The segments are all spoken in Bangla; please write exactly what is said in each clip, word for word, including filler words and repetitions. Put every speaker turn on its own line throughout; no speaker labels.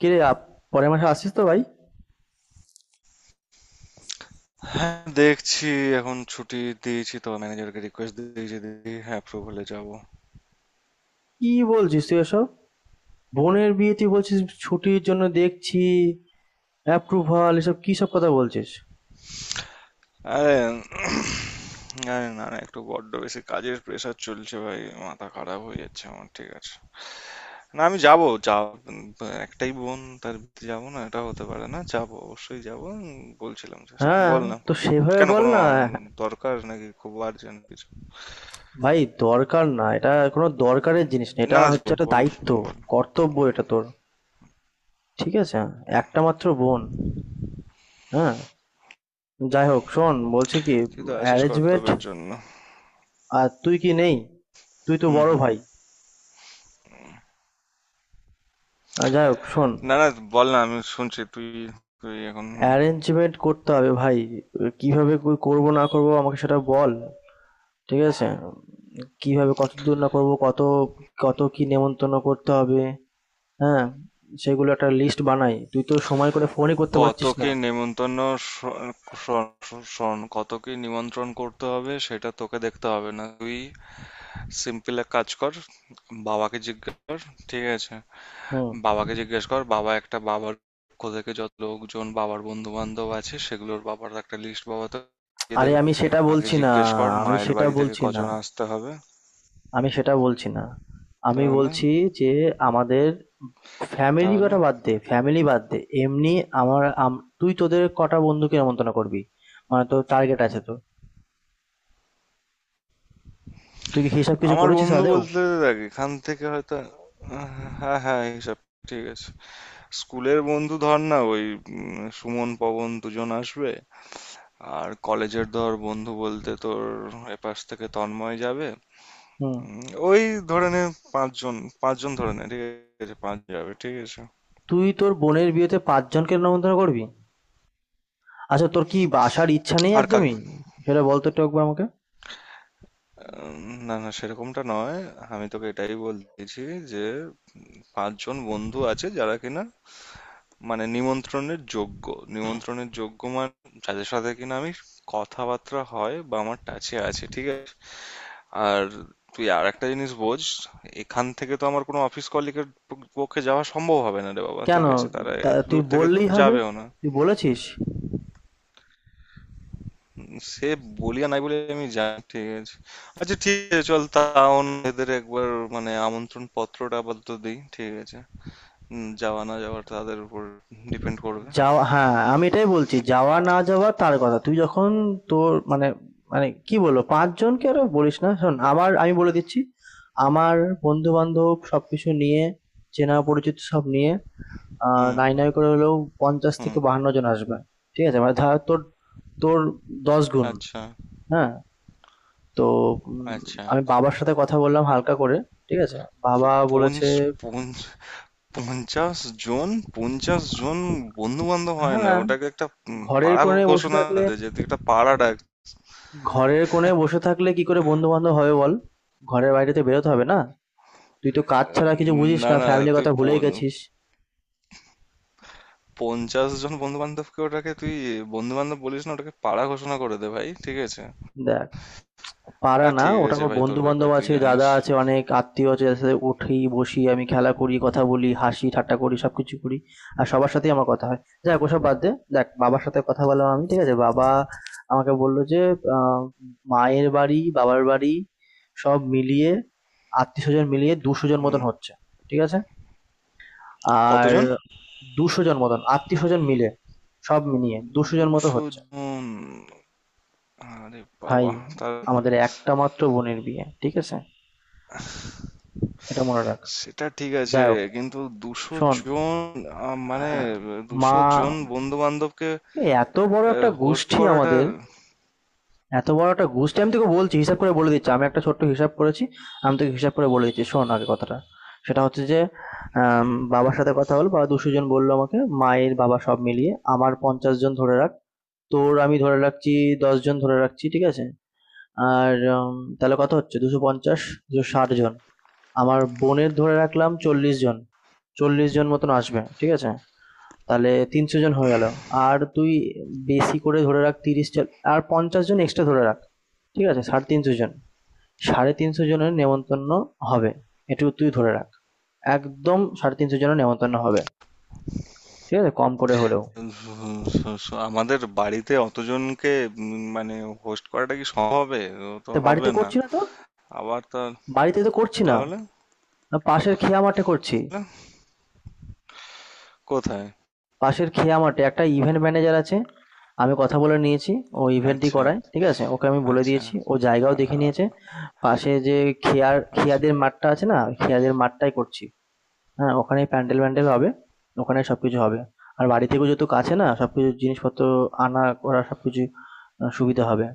কিরে আপ, পরের মাসে আসছিস তো ভাই?
হ্যাঁ, দেখছি। এখন ছুটি দিয়েছি তো, ম্যানেজারকে রিকোয়েস্ট দিয়েছি দিদি। হ্যাঁ, অ্যাপ্রুভালে যাব।
কি বলছিস তুই এসব? বোনের বিয়ে, তুই বলছিস ছুটির জন্য দেখছি, অ্যাপ্রুভাল, এসব কি সব কথা বলছিস?
আরে আরে, না, না, একটু বড্ড বেশি কাজের প্রেশার চলছে ভাই। মাথা খারাপ হয়ে যাচ্ছে আমার। ঠিক আছে, না, আমি যাব। যা, একটাই বোন, তার বিয়েতে যাব না এটা হতে পারে না। যাব, অবশ্যই যাব। উম, বলছিলাম, জাস্ট
হ্যাঁ,
বল না।
তো সেভাবে
কেন,
বল
কোনো
না।
উম, দরকার নাকি? খুব আর্জেন্ট কিছু?
ভাই, দরকার না, এটা কোনো দরকারের জিনিস না,
না,
এটা
না,
হচ্ছে
যাবো,
একটা
বল,
দায়িত্ব,
বল।
কর্তব্য এটা তোর। ঠিক আছে, একটা মাত্র বোন। হ্যাঁ, যাই হোক, শোন বলছি কি,
তুই তো আছিস
অ্যারেঞ্জমেন্ট।
কর্তব্যের জন্য।
আর তুই কি নেই? তুই তো
হুম,
বড়
হুম।
ভাই। আর যাই হোক শোন,
না, না, বল না, আমি শুনছি। তুই তুই এখন।
অ্যারেঞ্জমেন্ট করতে হবে ভাই। কিভাবে ক- করব না করব আমাকে সেটা বল। ঠিক আছে, কিভাবে কত দূর না করব, কত কত কি নেমন্তন্ন করতে হবে। হ্যাঁ, সেগুলো একটা লিস্ট বানাই, তুই তো সময় করে ফোনই করতে পারছিস
কতকে
না।
নেমন্তন্ন? শোন, শোন, শোন, কতকে নিমন্ত্রণ করতে হবে সেটা তোকে দেখতে হবে না। তুই সিম্পল এক কাজ কর, বাবাকে জিজ্ঞেস কর। ঠিক আছে?
হুম।
বাবাকে জিজ্ঞেস কর, বাবা একটা, বাবার পক্ষ থেকে যত লোকজন বাবার বন্ধু বান্ধব আছে সেগুলোর বাবার একটা লিস্ট বাবা তো দিয়ে
আরে,
দেবে।
আমি সেটা
আগে
বলছি না,
জিজ্ঞেস কর
আমি
মায়ের
সেটা
বাড়ি থেকে
বলছি না
কজন আসতে হবে।
আমি সেটা বলছি না আমি
তাহলে
বলছি যে আমাদের ফ্যামিলি,
তাহলে
কথা বাদ দে, ফ্যামিলি বাদ দে, এমনি আমার আম- তুই তোদের কটা বন্ধুকে নেমন্তন্ন করবি? মানে তোর টার্গেট আছে তো? তুই কি হিসাব কিছু
আমার
করেছিস
বন্ধু
আদেও?
বলতে দেখ, এখান থেকে হয়তো হ্যাঁ, হ্যাঁ, হিসাব। ঠিক আছে। স্কুলের বন্ধু ধর না, ওই উম, সুমন, পবন, দুজন আসবে। আর কলেজের ধর, বন্ধু বলতে তোর এপাশ থেকে তন্ময় যাবে।
হুম,
উম, ওই, ধরে নে পাঁচজন। পাঁচজন ধরে নে। ঠিক আছে, পাঁচ যাবে। ঠিক আছে।
তুই তোর বোনের বিয়েতে পাঁচজনকে নেমন্তন্ন করবি? আচ্ছা, তোর কি আসার ইচ্ছা নেই
আর কাকে?
একদমই? সেটা বলতো একটু একবার আমাকে।
উম, না, না, সেরকমটা নয়। আমি তোকে এটাই বলতেছি যে পাঁচজন বন্ধু আছে যারা কিনা, মানে, নিমন্ত্রণের যোগ্য। নিমন্ত্রণের যোগ্য মানে, যাদের সাথে কিনা আমি কথাবার্তা হয় বা আমার টাচে আছে। ঠিক আছে। আর তুই আর একটা জিনিস বোঝ, এখান থেকে তো আমার কোনো অফিস কলিগের পক্ষে যাওয়া সম্ভব হবে না রে বাবা।
কেন,
ঠিক আছে? তারা
তা
এত
তুই
দূর থেকে
বললেই হবে?
যাবেও না।
তুই বলেছিস?
সে বলি আর নাই বলে, আমি যাই। ঠিক আছে। আচ্ছা, ঠিক আছে, চল, তাও না, এদের একবার মানে আমন্ত্রণ পত্রটা আপাতত দিই। ঠিক আছে। উম, যাওয়া না যাওয়া তাদের উপর ডিপেন্ড করবে।
যাওয়া, হ্যাঁ আমি এটাই বলছি, যাওয়া না যাওয়া তার কথা তুই যখন তোর মানে, মানে কি বলবো, পাঁচজনকে আরো বলিস না। শোন, আমার, আমি বলে দিচ্ছি আমার বন্ধু বান্ধব সবকিছু নিয়ে, চেনা পরিচিত সব নিয়ে, আহ
হুম,
নাই নাই করে হলেও পঞ্চাশ
হুম।
থেকে বাহান্ন জন আসবে। ঠিক আছে, মানে ধর তোর তোর দশ গুণ।
আচ্ছা,
হ্যাঁ, তো উম,
আচ্ছা।
আমি বাবার সাথে কথা বললাম হালকা করে। ঠিক আছে, বাবা
পঞ্চ
বলেছে।
পঞ্চ পঞ্চাশ জন? পঞ্চাশ জন বন্ধু বান্ধব হয় না,
হ্যাঁ,
ওটাকে একটা উম,
ঘরের
পাড়া
কোণে বসে
ঘোষণা
থাকলে,
দে, যে তুই একটা পাড়া ডাক।
ঘরের কোণে বসে থাকলে কি করে বন্ধু বান্ধব হবে বল? ঘরের বাইরে তো বেরোতে হবে না? তুই তো কাজ ছাড়া কিছু
উম,
বুঝিস
না,
না,
না,
ফ্যামিলির
তুই
কথা ভুলেই
পন-
গেছিস।
পঞ্চাশ জন বন্ধু বান্ধবকে, ওটাকে তুই বন্ধু বান্ধব বলিস না, ওটাকে পাড়া ঘোষণা করে দে ভাই। ঠিক আছে।
দেখ, পাড়া
হ্যাঁ,
না,
ঠিক
ওটা
আছে
আমার
ভাই, তোর
বন্ধু
ব্যাপার
বান্ধব
তুই
আছে,
জানিস।
দাদা আছে, অনেক আত্মীয় আছে, যাদের সাথে উঠি বসি, আমি খেলা করি, কথা বলি, হাসি ঠাট্টা করি, সবকিছু করি। আর সবার সাথেই আমার কথা হয়। যাক, ওসব বাদ দে। দেখ, বাবার সাথে কথা বললাম আমি, ঠিক আছে? বাবা আমাকে বললো যে আহ, মায়ের বাড়ি, বাবার বাড়ি, সব মিলিয়ে আত্মীয় স্বজন মিলিয়ে দুশো জন
হুম।
মতন হচ্ছে। ঠিক আছে? আর
কতজন?
দুশো জন মতন আত্মীয় স্বজন মিলে সব মিলিয়ে দুশো জন মতো
দুশো
হচ্ছে।
জন আরে
ভাই,
বাবা, তার
আমাদের একটা মাত্র বোনের বিয়ে, ঠিক আছে? এটা মনে রাখ।
সেটা ঠিক আছে,
যাই হোক,
কিন্তু দুশো
শোন,
জন আহ, মানে
আহ, মা,
দুশো জন বন্ধু বান্ধবকে
এত বড় একটা
হোস্ট
গোষ্ঠী
করাটা
আমাদের, এত বড় একটা গোষ্ঠী, আমি তোকে বলছি হিসাব করে বলে দিচ্ছি, আমি একটা ছোট্ট হিসাব করেছি। আমি তোকে হিসাব করে বলে দিচ্ছি, শোন আগে কথাটা। সেটা হচ্ছে যে আম,
উম,
বাবার সাথে কথা হলো, বাবা দুশো জন বললো আমাকে। মায়ের বাবা সব মিলিয়ে আমার পঞ্চাশ জন ধরে রাখ। তোর আমি ধরে রাখছি দশ জন ধরে রাখছি, ঠিক আছে? আর উম, তাহলে কত হচ্ছে, দুশো পঞ্চাশ, দুশো ষাট জন। আমার বোনের ধরে রাখলাম চল্লিশ জন, চল্লিশ জন মতন আসবে, ঠিক আছে? তাহলে তিনশো জন হয়ে গেল। আর তুই, বেশি করে ধরে রাখ তিরিশ জন। আর পঞ্চাশ জন এক্সট্রা ধরে রাখ। ঠিক আছে, সাড়ে তিনশো জন, সাড়ে তিনশো জনের নেমন্তন্ন হবে। এটুকু তুই ধরে রাখ, একদম সাড়ে তিনশো জনের নেমন্তন্ন হবে। ঠিক আছে, কম করে হলেও।
স- স- আমাদের বাড়িতে অতজনকে উম, মানে হোস্ট করাটা কি সম্ভব হবে? ও তো
তা
হবে
বাড়িতে
না।
করছি না তো,
আবার তা,
বাড়িতে তো করছি না,
তাহলে
না পাশের খেয়া মাঠে করছি।
কোথায়?
পাশের খেয়া মাঠে একটা ইভেন্ট ম্যানেজার আছে। আমি কথা বলে নিয়েছি। ও ইভেন্টটি
আচ্ছা,
করায়। ঠিক আছে? ওকে আমি বলে
আচ্ছা।
দিয়েছি। ও জায়গাও
আ-
দেখে নিয়েছে।
আ-
পাশে যে খেয়ার
আচ্ছা।
খেয়াদের মাঠটা আছে না? ওই খেয়াদের মাঠটাই করছি। হ্যাঁ, ওখানেই প্যান্ডেল ম্যান্ডেল হবে। ওখানে সবকিছু হবে। আর বাড়ি থেকেও যেহেতু কাছে, না সবকিছু জিনিসপত্র আনা করা সবকিছু আ সুবিধা হবে।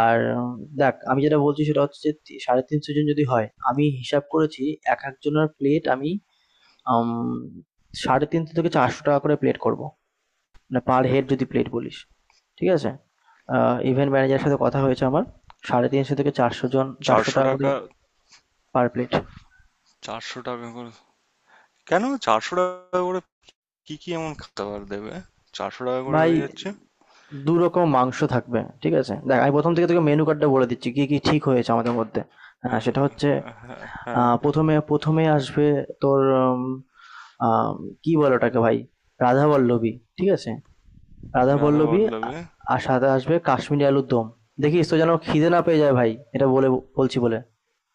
আর উম, দেখ আমি যেটা বলছি সেটা হচ্ছে যে তি সাড়ে তিনশো জন যদি হয়, আমি হিসাব করেছি এক একজনের প্লেট আমি আম ৳সাড়ে তিনশো টাকা থেকে ৳চারশো টাকা করে প্লেট করব। মানে পার হেড যদি প্লেট বলিস। ঠিক আছে, ইভেন্ট ম্যানেজারের সাথে কথা হয়েছে আমার, সাড়ে তিনশো থেকে চারশো জন, চারশো
চারশো
টাকা করে
টাকা
পার প্লেট।
চারশো টাকা করে? কেন চারশো টাকা করে? কি কি এমন খাবার দেবে চারশো টাকা করে
ভাই,
হয়ে যাচ্ছে?
দু রকম মাংস থাকবে, ঠিক আছে? দেখ, আমি প্রথম থেকে তোকে মেনু কার্ডটা বলে দিচ্ছি কি কি ঠিক হয়েছে আমাদের মধ্যে। হ্যাঁ, সেটা হচ্ছে
আহ, হ্যাঁ, হ্যাঁ,
আহ, প্রথমে প্রথমে আসবে তোর উম, আম, কি বলে ওটাকে ভাই, রাধা পল্লবী। ঠিক আছে, রাধা
রাধা
পল্লবী। আ-
বল্লভে।
আর সাথে আসবে কাশ্মীরি আলুর দম। দেখিস তো যেন খিদে না পেয়ে যায় ভাই, এটা বলে বলছি বলে।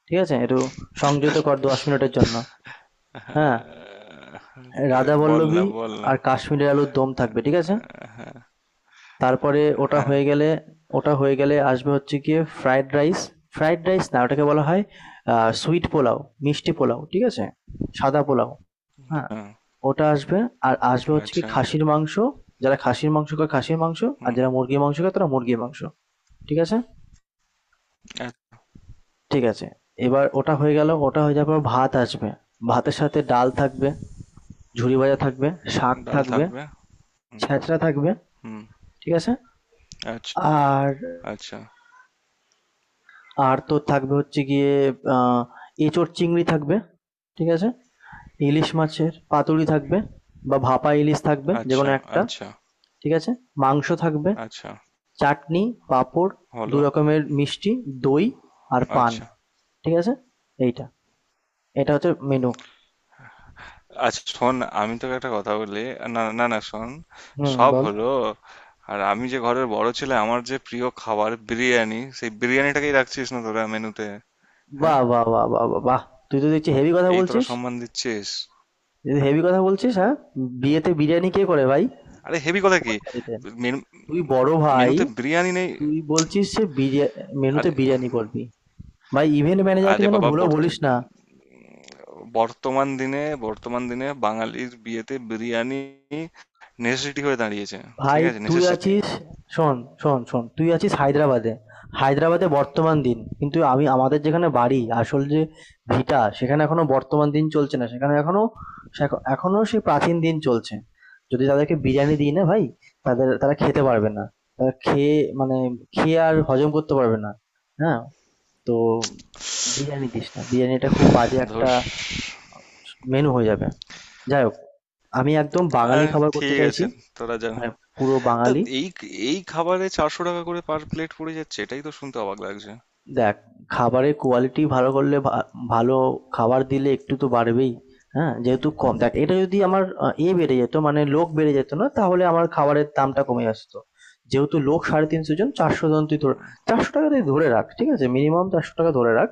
ঠিক আছে, একটু সংযত কর দশ মিনিটের জন্য। হ্যাঁ,
হ্যাঁ, এদের
রাধা
বল না,
বল্লভী
বল না।
আর কাশ্মীরের আলুর দম থাকবে, ঠিক আছে? তারপরে ওটা
হ্যাঁ,
হয়ে গেলে, ওটা হয়ে গেলে আসবে হচ্ছে গিয়ে ফ্রাইড রাইস। ফ্রাইড রাইস না, ওটাকে বলা হয় সুইট পোলাও, মিষ্টি পোলাও, ঠিক আছে, সাদা পোলাও। হ্যাঁ,
হ্যাঁ।
ওটা আসবে। আর আসবে হচ্ছে কি,
আচ্ছা।
খাসির মাংস। যারা খাসির মাংস খায়, খাসির মাংস, আর
হুম।
যারা মুরগির মাংস খায় তারা মুরগির মাংস। ঠিক আছে।
এক।
ঠিক আছে, এবার ওটা হয়ে গেল, ওটা হয়ে যাওয়ার পর ভাত আসবে। ভাতের সাথে ডাল থাকবে, ঝুরি ভাজা থাকবে, শাক
ডাল
থাকবে,
থাকবে। হুম।
ছেঁচড়া থাকবে,
হুম,
ঠিক আছে?
আচ্ছা,
আর,
আচ্ছা,
আর তো থাকবে হচ্ছে গিয়ে আহ, এঁচোড় চিংড়ি থাকবে, ঠিক আছে? ইলিশ মাছের পাতুরি থাকবে বা ভাপা ইলিশ থাকবে, যে
আচ্ছা,
কোনো একটা,
আচ্ছা,
ঠিক আছে? মাংস থাকবে,
আচ্ছা,
চাটনি, পাঁপড়,
হলো,
দু রকমের মিষ্টি, দই আর পান।
আচ্ছা।
ঠিক আছে, এইটা, এটা হচ্ছে মেনু।
আচ্ছা শোন, আমি তোকে একটা কথা বলি। না, না, না শোন,
হুম,
সব
বল।
হলো। আর আমি যে ঘরের বড় ছেলে, আমার যে প্রিয় খাবার বিরিয়ানি, সেই বিরিয়ানিটাকেই রাখছিস না তোরা মেনুতে, হ্যাঁ?
বাহ বাহ বাহ বাহ বাহ বাহ, তুই তো দেখছি হেভি কথা
এই তোরা
বলছিস,
সম্মান দিচ্ছিস।
হেভি কথা বলছিস, হ্যাঁ! বিয়েতে বিরিয়ানি কে করে ভাই,
আরে, হেভি কথা কি?
কোন বাড়িতে?
মেনু
তুই বড় ভাই,
মেনুতে বিরিয়ানি নেই।
তুই বলছিস যে বিরিয়া- মেনুতে
আরে,
বিরিয়ানি করবি? ভাই, ইভেন্ট ম্যানেজারকে
আরে
যেন
বাবা,
ভুলো
বর্ত-
বলিস না।
বর্তমান দিনে, বর্তমান দিনে বাঙালির বিয়েতে বিরিয়ানি নেসেসিটি হয়ে দাঁড়িয়েছে।
ভাই
ঠিক আছে,
তুই
নেসেসিটি।
আছিস, শোন, শোন শোন তুই আছিস হায়দ্রাবাদে। হায়দ্রাবাদে বর্তমান দিন, কিন্তু আমি আমাদের যেখানে বাড়ি, আসল যে ভিটা, সেখানে এখনো বর্তমান দিন চলছে না, সেখানে এখনো, সেখ- এখনো সেই প্রাচীন দিন চলছে। যদি তাদেরকে বিরিয়ানি দিই না ভাই, তাদের তারা খেতে পারবে না, তারা খেয়ে, মানে খেয়ে আর হজম করতে পারবে না। হ্যাঁ, তো বিরিয়ানি দিস না। বিরিয়ানিটা খুব বাজে একটা
ধস।
মেনু হয়ে যাবে। যাই হোক, আমি একদম বাঙালি
আহ,
খাবার করতে
ঠিক
চাইছি।
আছে, তোরা যা।
মানে পুরো
তা,
বাঙালি।
এই এই খাবারে চারশো টাকা করে পার প্লেট পড়ে যাচ্ছে, এটাই তো শুনতে অবাক লাগছে।
দেখ, খাবারের কোয়ালিটি ভালো করলে ভা ভালো খাবার দিলে একটু তো বাড়বেই। হ্যাঁ, যেহেতু কম, দেখ এটা যদি আমার আহ, এ বেড়ে যেত, মানে লোক বেড়ে যেত না, তাহলে আমার খাবারের দামটা কমে আসতো। যেহেতু লোক সাড়ে তিনশো জন চারশো জন তুই ধর, চারশো টাকা তুই ধরে রাখ, ঠিক আছে? মিনিমাম চারশো টাকা ধরে রাখ,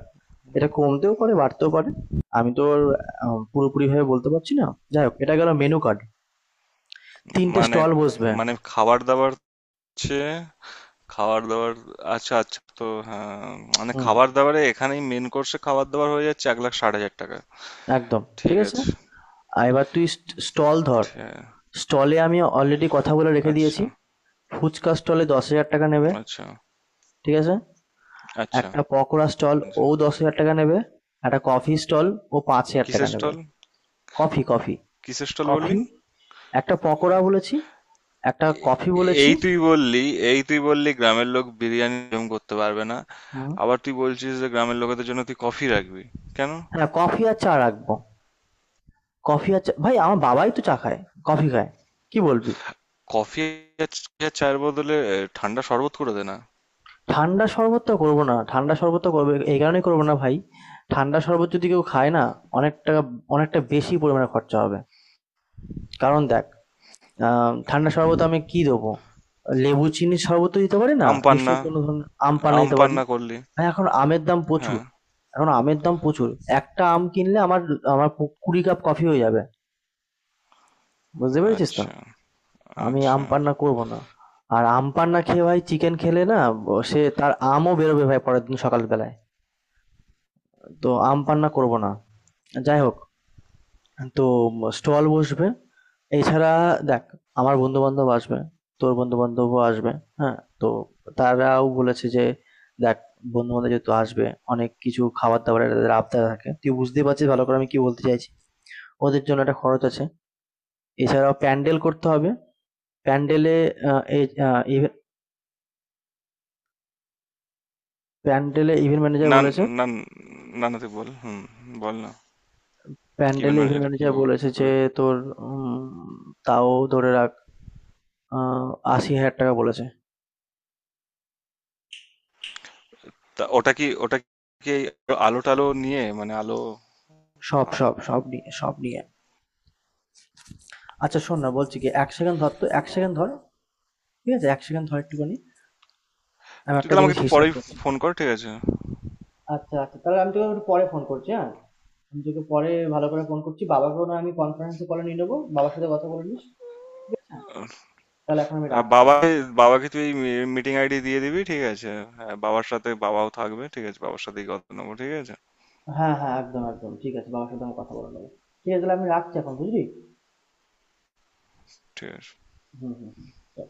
এটা কমতেও পারে বাড়তেও পারে। আমি তো আহ, পুরোপুরিভাবে বলতে পারছি না। যাই হোক, এটা গেল মেনু কার্ড। তিনটে
মানে
স্টল বসবে।
মানে খাবার দাবার হচ্ছে, খাবার দাবার। আচ্ছা, আচ্ছা, তো হ্যাঁ, মানে
হুম,
খাবার দাবারে এখানেই মেন কোর্সে খাবার দাবার হয়ে যাচ্ছে এক লাখ ষাট হাজার টাকা।
একদম ঠিক
ঠিক
আছে।
আছে।
আর এবার তুই স্টল ধর।
ঠিক-
স্টলে আমি অলরেডি কথা বলে রেখে
আচ্ছা,
দিয়েছি। ফুচকা স্টলে দশ হাজার টাকা নেবে,
আচ্ছা,
ঠিক আছে?
আচ্ছা,
একটা পকোড়া স্টল, ও
আচ্ছা।
দশ হাজার টাকা নেবে। একটা কফি স্টল, ও পাঁচ হাজার টাকা
কিসের
নেবে।
স্টল?
কফি, কফি,
কিসের স্টল বললি?
কফি, একটা পকোড়া বলেছি, একটা কফি
এ-
বলেছি।
এই তুই বললি, এই তুই বললি গ্রামের লোক বিরিয়ানি হজম করতে পারবে না।
হুম,
আবার তুই বলছিস যে গ্রামের লোকেদের জন্য তুই কফি রাখবি, কেন?
হ্যাঁ কফি আর চা রাখবো। কফি আর চা, ভাই আমার বাবাই তো চা খায়, কফি খায়, কি বলবি?
কফি। আর চ- আর চায়ের বদলে এ, ঠান্ডা শরবত করে দে না।
ঠান্ডা শরবতটা করবো না। ঠান্ডা শরবতটা করবো এই কারণেই করবো না ভাই, ঠান্ডা শরবত যদি কেউ খায় না, অনেক টাকা, অনেকটা বেশি পরিমাণে খরচা হবে। কারণ দেখ, আ ঠান্ডা শরবতে আমি কি দেবো? লেবু চিনির শরবত তো দিতে পারি না।
আম পান্না?
নিশ্চয়ই কোনো ধরনের আম পান্না
আম
দিতে পারি।
পান্না করলি?
ভাই, এখন আমের দাম প্রচুর।
হ্যাঁ।
এখন আমের দাম প্রচুর। একটা আম কিনলে আমার, আমার কু কুড়ি কাপ কফি হয়ে যাবে। বুঝতে পেরেছিস তো?
আচ্ছা,
আমি আম
আচ্ছা।
পান্না করবো না। আর আম পান্না খেয়ে ভাই চিকেন খেলে না, ব সে তার আমও বেরোবে ভাই পরের দিন সকাল বেলায়। তো আম পান্না করবো না। যাই হোক, তো স্টল বসবে। এছাড়া, দেখ আমার বন্ধু-বান্ধব আসবে, তোর বন্ধু-বান্ধবও আসবে। হ্যাঁ? তো তারাও বলেছে যে, "দেখ বন্ধু-বান্ধব যেহেতু আসবে, অনেক কিছু খাবার-দাবারের তাদের আবদার থাকে।" তুই বুঝতেই পারছিস ভালো করে আমি কি বলতে চাইছি। ওদের জন্য একটা খরচ আছে। এছাড়াও প্যান্ডেল করতে হবে। প্যান্ডেলে আ এই আ ইভে প্যান্ডেলে ইভেন্ট ম্যানেজার
না,
বলেছে,
না, না, না, তুই বল। হুম, বল না। কি?
প্যান্ডেলে ইভেন্ট
ম্যানেজার কি
ম্যানেজার বলেছে যে
বলে?
তোর উম তাও ধরে রাখ, আহ, আশি হাজার টাকা বলেছে।
তা ওটা কি, ওটা কি আলো টালো নিয়ে, মানে আলো?
সব সব সব নিয়ে, সব নিয়ে। আচ্ছা শোন না, বলছি কি, এক সেকেন্ড ধর তো, এক সেকেন্ড ধর ঠিক আছে এক সেকেন্ড ধর একটুখানি, আমি
তুই
একটা
তাহলে আমাকে
জিনিস
একটু
হিসাব
পরেই
করছি।
ফোন কর, ঠিক আছে?
আচ্ছা আচ্ছা, তাহলে আমি তোকে একটু পরে ফোন করছি, হ্যাঁ। আমি তোকে পরে ভালো করে ফোন করছি, বাবাকেও না আমি কনফারেন্সে কলে নিয়ে নেবো, বাবার সাথে কথা বলে নিস। ঠিক আছে, তাহলে এখন আমি
আর
রাখছি।
বাবা, বাবাকে তুই মিটিং আইডি দিয়ে দিবি, ঠিক আছে? হ্যাঁ, বাবার সাথে বাবাও থাকবে। ঠিক আছে, বাবার সাথেই কথা নেবো। ঠিক আছে।
হ্যাঁ হ্যাঁ, একদম একদম ঠিক আছে, বাবার সাথে আমি কথা বলে নেবো। ঠিক আছে, তাহলে আমি রাখছি এখন, বুঝলি?
ঠিক আছে।
হুম হুম হুম, চল।